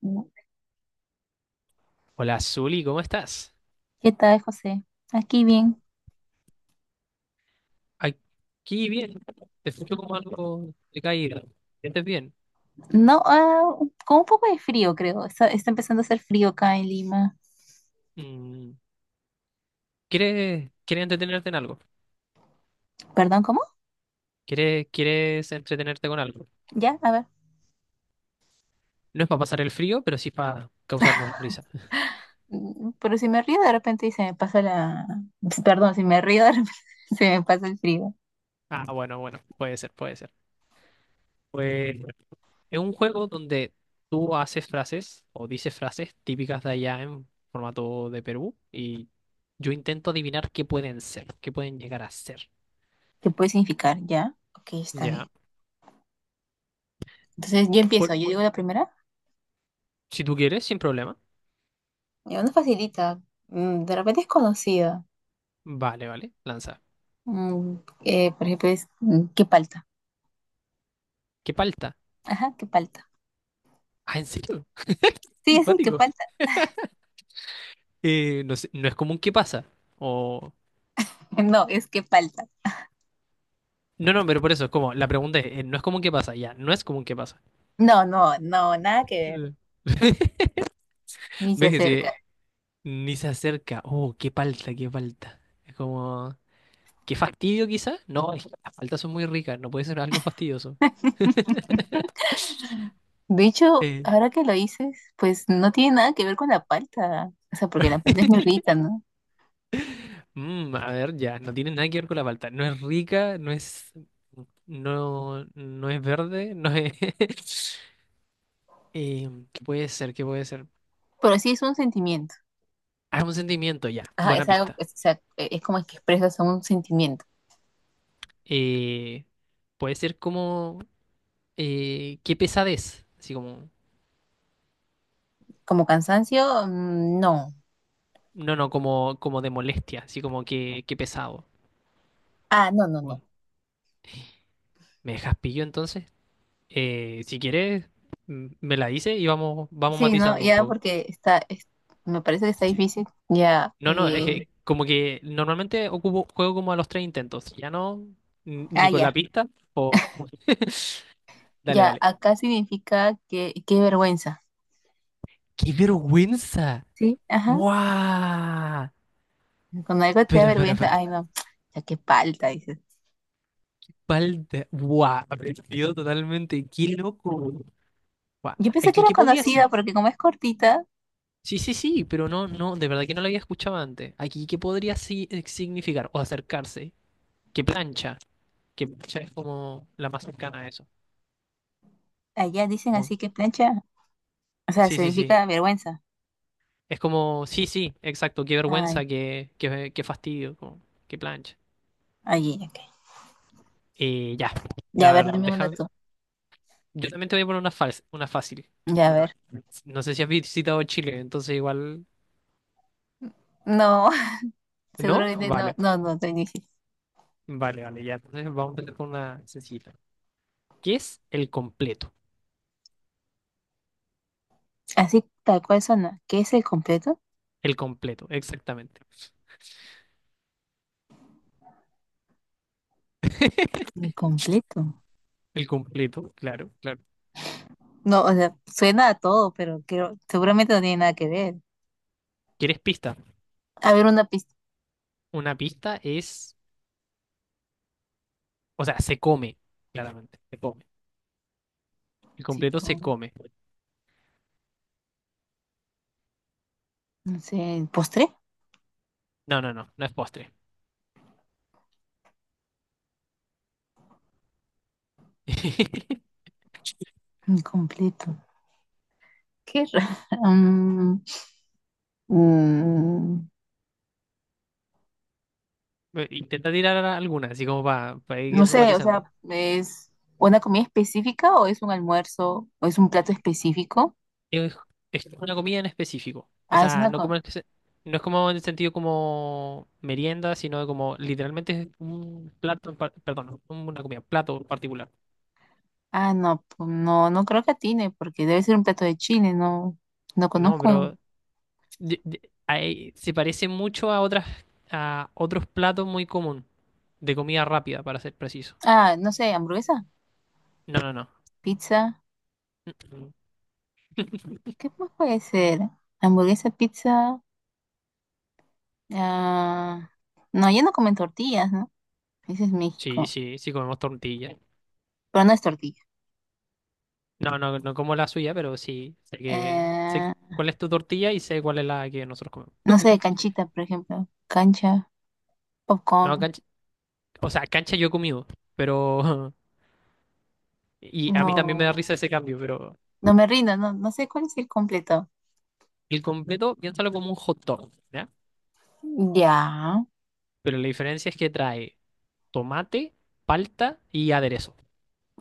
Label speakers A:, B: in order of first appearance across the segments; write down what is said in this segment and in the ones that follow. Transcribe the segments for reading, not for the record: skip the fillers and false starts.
A: ¿No?
B: Hola, Zuli, ¿cómo estás?
A: ¿Qué tal, José? Aquí bien.
B: Aquí bien. Te escucho como algo de caída. ¿Sientes bien?
A: No, con un poco de frío, creo. Está empezando a hacer frío acá en Lima.
B: Mm, ¿Quieres entretenerte en algo?
A: ¿Perdón, cómo?
B: ¿Quieres entretenerte con algo?
A: Ya, a ver.
B: No es para pasar el frío, pero sí para causarnos risa.
A: Mm, pero si me río de repente se me pasa la... Perdón, si me río de repente se me pasa el frío.
B: Ah, bueno, bueno, puede ser, puede ser. Pues es un juego donde tú haces frases o dices frases típicas de allá en formato de Perú y yo intento adivinar qué pueden ser, qué pueden llegar a ser.
A: ¿Qué puede significar? ¿Ya? Ok, está
B: Ya.
A: bien. Entonces yo empiezo.
B: Por-
A: Yo digo la primera.
B: si tú quieres, sin problema.
A: Ya, no facilita. Mm, de repente es conocida.
B: Vale, vale, lanza.
A: Mm, por ejemplo, es ¿qué palta?
B: ¿Qué palta?
A: Ajá, ¿qué palta?
B: Ah, ¿en serio?
A: Sí, sí, ¿qué
B: Simpático.
A: palta?
B: No sé, no es común que pasa. O.
A: No, es ¿qué palta?
B: No, no, pero por eso es como, la pregunta es, no es común que pasa, ya, no es común que pasa.
A: No, no, no, nada que ver.
B: Eh.
A: Ni se
B: ¿Ves que
A: acerca.
B: sí, ni se acerca? Oh, qué palta, qué palta. Es como, qué fastidio quizá. No, es que las paltas son muy ricas, no puede ser algo fastidioso.
A: De hecho,
B: Eh,
A: ahora que lo dices, pues no tiene nada que ver con la palta. O sea, porque la palta es muy rica, ¿no?
B: a ver, ya, no tiene nada que ver con la palta. No es rica, no es, no, no es verde, no es. ¿Qué puede ser? ¿Qué puede ser?
A: Pero sí es un sentimiento.
B: Ah, es un sentimiento, ya.
A: Ajá,
B: Buena
A: es algo,
B: pista.
A: es, o sea, es como que expresas un sentimiento.
B: Eh, Puede ser como... qué pesadez. Así como...
A: Como cansancio, no.
B: No, no, como, como de molestia. Así como que qué pesado.
A: Ah, no, no,
B: Uy,
A: no.
B: ¿me dejas pillo entonces? Si quieres, me la dices y vamos, vamos
A: Sí, no,
B: matizando un
A: ya
B: poco.
A: porque está, me parece que está
B: Sí.
A: difícil. Ya,
B: No, no, es que como que normalmente ocupo, juego como a los tres intentos. Ya no,
A: ah,
B: ni con la
A: ya.
B: pista. O... Dale,
A: Ya,
B: dale.
A: acá significa que, qué vergüenza.
B: ¡Qué vergüenza!
A: Sí, ajá.
B: ¡Guau!
A: Cuando algo te da
B: Espera, espera,
A: vergüenza,
B: espera.
A: ay, no, ya qué palta, dices.
B: Palta. Guau, aprendido totalmente. Qué loco. Guau.
A: Yo pensé que
B: Aquí,
A: era
B: ¿qué podría
A: conocida
B: ser?
A: porque como es cortita.
B: Sí, sí, sí, pero no, no, de verdad que no lo había escuchado antes. Aquí, ¿qué podría significar? O acercarse. ¿Qué plancha? Que plancha es como la más cercana a eso.
A: Allá dicen
B: Como-
A: así que plancha, o sea,
B: sí, sí, sí.
A: significa vergüenza.
B: Es como, sí, sí, exacto. Qué
A: Ay,
B: vergüenza, qué, qué, qué fastidio. Como, qué plancha.
A: allí, ok.
B: Ya.
A: Ya, a
B: A
A: ver,
B: ver,
A: dime una
B: deja.
A: tú.
B: Yo también te voy a poner una, una fácil.
A: Ya, a
B: Bueno,
A: ver.
B: no sé si has visitado Chile, entonces igual.
A: No, seguro
B: ¿No?
A: que no,
B: Vale,
A: no, no, te dije.
B: vale, vale, ya. Entonces vamos a empezar con una sencilla. ¿Qué es el completo?
A: Así tal cual suena. ¿Qué es el completo?
B: El completo, exactamente.
A: El completo.
B: El completo, claro, claro.
A: No, o sea, suena a todo, pero creo, seguramente no tiene nada que ver.
B: ¿Quieres pista?
A: A ver, una pista.
B: Una pista es, o sea, se come, claramente, se come. El
A: Sí,
B: completo se
A: con,
B: come.
A: no sé, ¿postre?
B: No, no, no, no es postre.
A: Completo. Qué raro.
B: Intenta tirar alguna, así como para
A: No
B: ir
A: sé, o sea,
B: matizando.
A: ¿es una comida específica o es un almuerzo o es un plato específico?
B: Es, es una comida en específico. O
A: Ah, es
B: sea,
A: una
B: no es como en el sentido como merienda, sino como literalmente es un plato, perdón, una comida, plato en particular.
A: ah, no, no, no creo que atine porque debe ser un plato de Chile, no, no
B: No,
A: conozco.
B: pero se parece mucho a otras, a otros platos muy común de comida rápida, para ser preciso.
A: Ah, no sé, hamburguesa,
B: No, no, no.
A: pizza, ¿qué más puede ser? Hamburguesa, pizza, ah, no, ya no comen tortillas, ¿no? Ese es
B: Sí,
A: México,
B: sí, sí comemos tortilla.
A: pero no es tortilla.
B: No, no, no como la suya, pero sí sé que sé
A: Eh,
B: cuál es tu tortilla y sé cuál es la que nosotros comemos.
A: no sé, canchita, por ejemplo, cancha,
B: No,
A: popcorn,
B: cancha, o sea, cancha yo he comido, pero y a mí también me da
A: no,
B: risa ese cambio, pero
A: no me rindo, no, no sé cuál es el completo.
B: el completo, piénsalo como un hot dog, ¿ya?
A: Ya.
B: Pero la diferencia es que trae tomate, palta y aderezo.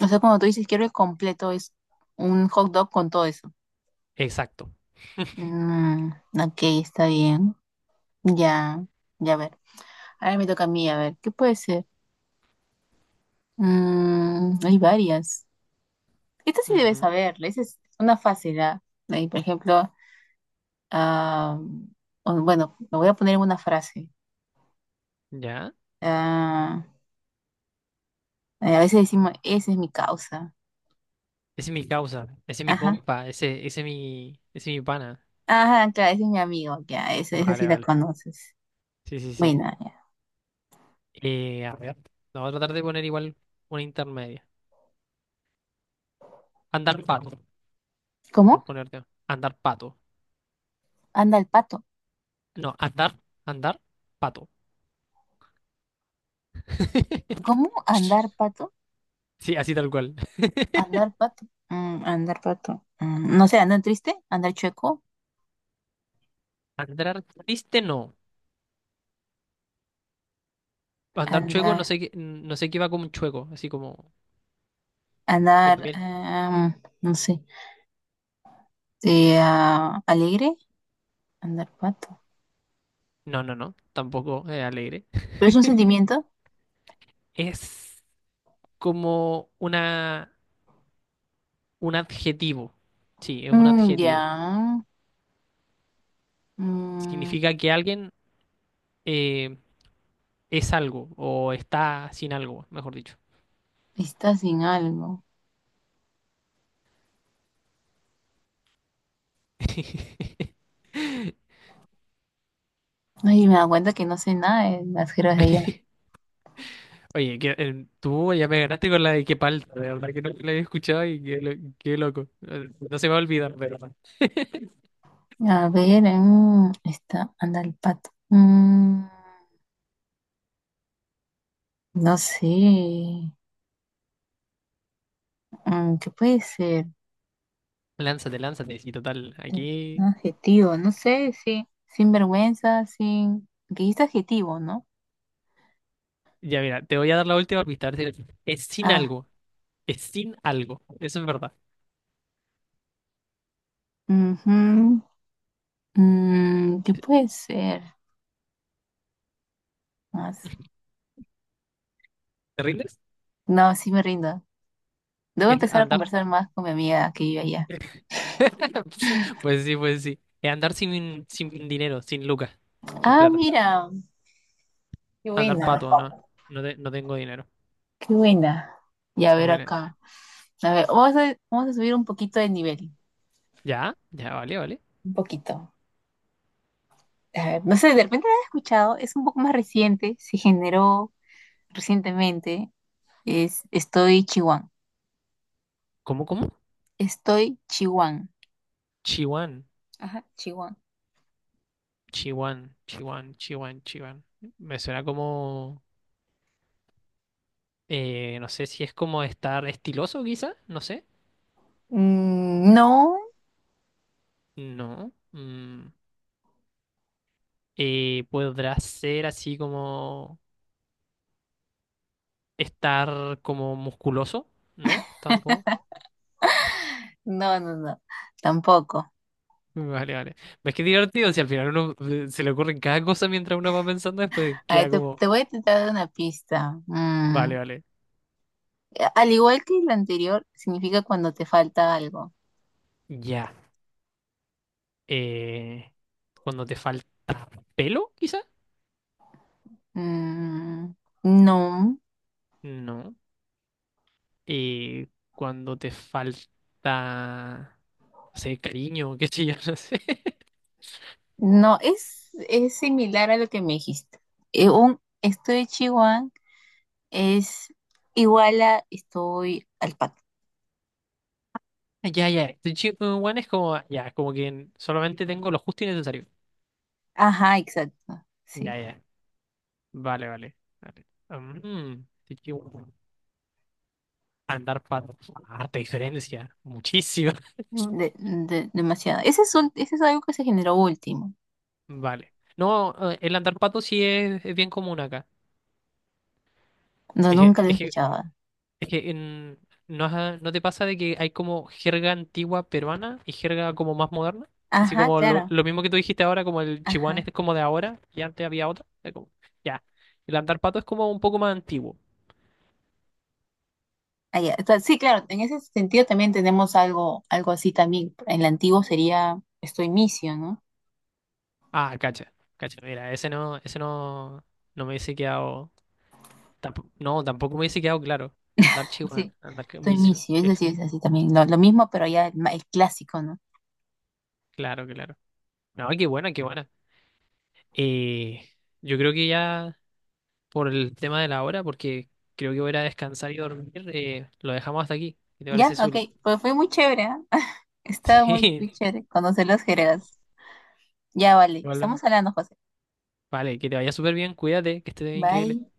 A: O sea, cuando tú dices quiero el completo, es un hot dog con todo eso.
B: Exacto.
A: Mm, ok, está bien. Ya, ya a ver. Ahora me toca a mí, a ver, ¿qué puede ser? Mm, hay varias. Esta sí debes
B: Ujú.
A: saberla, esa es una fácil, ¿ah? Ahí, por ejemplo, ah, bueno, lo voy a poner en una frase.
B: ¿Ya?
A: Ah, a veces decimos, esa es mi causa.
B: Ese es mi causa, ese es mi
A: Ajá.
B: compa, ese, ese es mi pana.
A: Ajá, claro, ese es mi amigo, ya, esa sí
B: Vale,
A: la
B: vale.
A: conoces.
B: Sí, sí, sí.
A: Bueno, ya.
B: A ver, vamos a tratar de poner igual una intermedia. Andar pato, por
A: ¿Cómo?
B: ponerte. Andar pato.
A: Anda el pato.
B: No, andar, andar pato.
A: ¿Cómo? ¿Andar pato?
B: Sí, así tal cual.
A: ¿Andar pato? Mm, andar pato. Mm, no sé, ¿andar triste? ¿Andar chueco?
B: Andar triste no. Andar chueco,
A: ¿Andar,
B: no sé qué, no sé qué va como un chueco, así como, o
A: andar,
B: también,
A: em, no sé, ah, ¿alegre? Andar pato.
B: no, no, no, tampoco es alegre.
A: ¿Pero es un sentimiento?
B: Es como una, un adjetivo, sí, es un
A: Mm, ya.
B: adjetivo.
A: Mm,
B: Significa que alguien eh, es algo o está sin algo, mejor dicho.
A: está sin algo. Ay, me da cuenta que no sé nada de las jergas de ella.
B: Oye, que, tú ya me ganaste con la de qué palta, de verdad que no la había escuchado y qué, qué loco. No se me va a olvidar, de verdad.
A: A ver, mm, está, anda el pato. Mm, no sé. Mm, ¿qué puede ser?
B: Lánzate, lánzate, sí, total,
A: Un
B: aquí...
A: adjetivo, no sé, sí. Sin vergüenza, sin. Porque ahí está adjetivo, ¿no?
B: Ya mira, te voy a dar la última pista. A ver si- Es sin
A: Ah,
B: algo. Es sin algo. Eso es verdad.
A: ujú. Mm, ¿qué puede ser? Más.
B: ¿Te rindes?
A: No, sí me rindo. Debo
B: Es
A: empezar a
B: andar.
A: conversar más con mi amiga que vive allá.
B: Pues sí, pues sí. Es andar sin, sin dinero, sin lucas, sin
A: Ah,
B: plata.
A: mira, qué
B: Andar
A: buena,
B: pato, no. No, no tengo dinero.
A: qué buena. Y a ver
B: Bueno,
A: acá. A ver, vamos a subir un poquito de nivel.
B: ya, ya, vale, vale.
A: Un poquito. A ver, no sé, de repente lo has escuchado, es un poco más reciente, se generó recientemente. Es estoy Chihuahua.
B: ¿Cómo, cómo?
A: Estoy chihuán.
B: Chiwan,
A: Ajá, chihuán.
B: Chiwan, Chiwan, Chiwan, Chiwan. Me suena como, no sé si es como estar estiloso, quizá, no sé.
A: Mm, no,
B: No. Podrá ser así como estar como musculoso, ¿no? Tampoco.
A: no, no, no, tampoco.
B: Vale, vale. Es que es divertido si al final uno se le ocurre cada cosa mientras uno va pensando, después
A: A ver,
B: queda como,
A: te voy a intentar dar una pista. Mm,
B: vale, vale.
A: al igual que el anterior, significa cuando te falta algo.
B: Ya. Eh, Cuando te falta pelo, quizá.
A: Mm, no,
B: No. Eh, Cuando te falta, no sé, cariño, qué sé yo, no sé.
A: no, es similar a lo que me dijiste. Un estoy chihuahua es igual a estoy alpaca.
B: Ya, ya. Estoy chico, bueno, es como, ya, como que solamente tengo lo justo y necesario.
A: Ajá, exacto, sí.
B: Ya, ya. Vale, vale. Vale. Estoy chico. Andar pato. Harta diferencia. Muchísima.
A: Demasiado. Ese es un, ese es algo que se generó último.
B: Vale. No, el andar pato sí es bien común acá.
A: No,
B: Es que,
A: nunca lo he
B: es que-
A: escuchado.
B: es que en- ¿No, no te pasa de que hay como jerga antigua peruana y jerga como más moderna? Así
A: Ajá,
B: como
A: claro.
B: lo mismo que tú dijiste ahora, como el chihuahua
A: Ajá.
B: es como de ahora y antes había otra. Ya. El andar pato es como un poco más antiguo.
A: Ah, ya. Entonces, sí, claro, en ese sentido también tenemos algo, algo así también. En el antiguo sería estoy misio, ¿no?
B: Ah, cacha. Cacha, mira, ese no, no me hubiese quedado. No, tampoco me hubiese quedado claro. Andar chihuahua,
A: Sí,
B: andar
A: estoy
B: camiso.
A: misio, eso sí es así también. Lo mismo, pero ya el, el clásico, ¿no?
B: Claro, claro. No, qué buena, qué buena. Eh, yo creo que ya por el tema de la hora, porque creo que voy a ir a descansar y dormir, lo dejamos hasta aquí. ¿Qué te
A: Ya,
B: parece,
A: ok,
B: Zuli?
A: pues fue muy chévere, ¿ah? Estaba muy,
B: Sí,
A: muy chévere conocer los jergas. Ya, vale,
B: vale.
A: estamos hablando, José.
B: Vale, que te vaya súper bien, cuídate, que estés increíble.
A: Bye.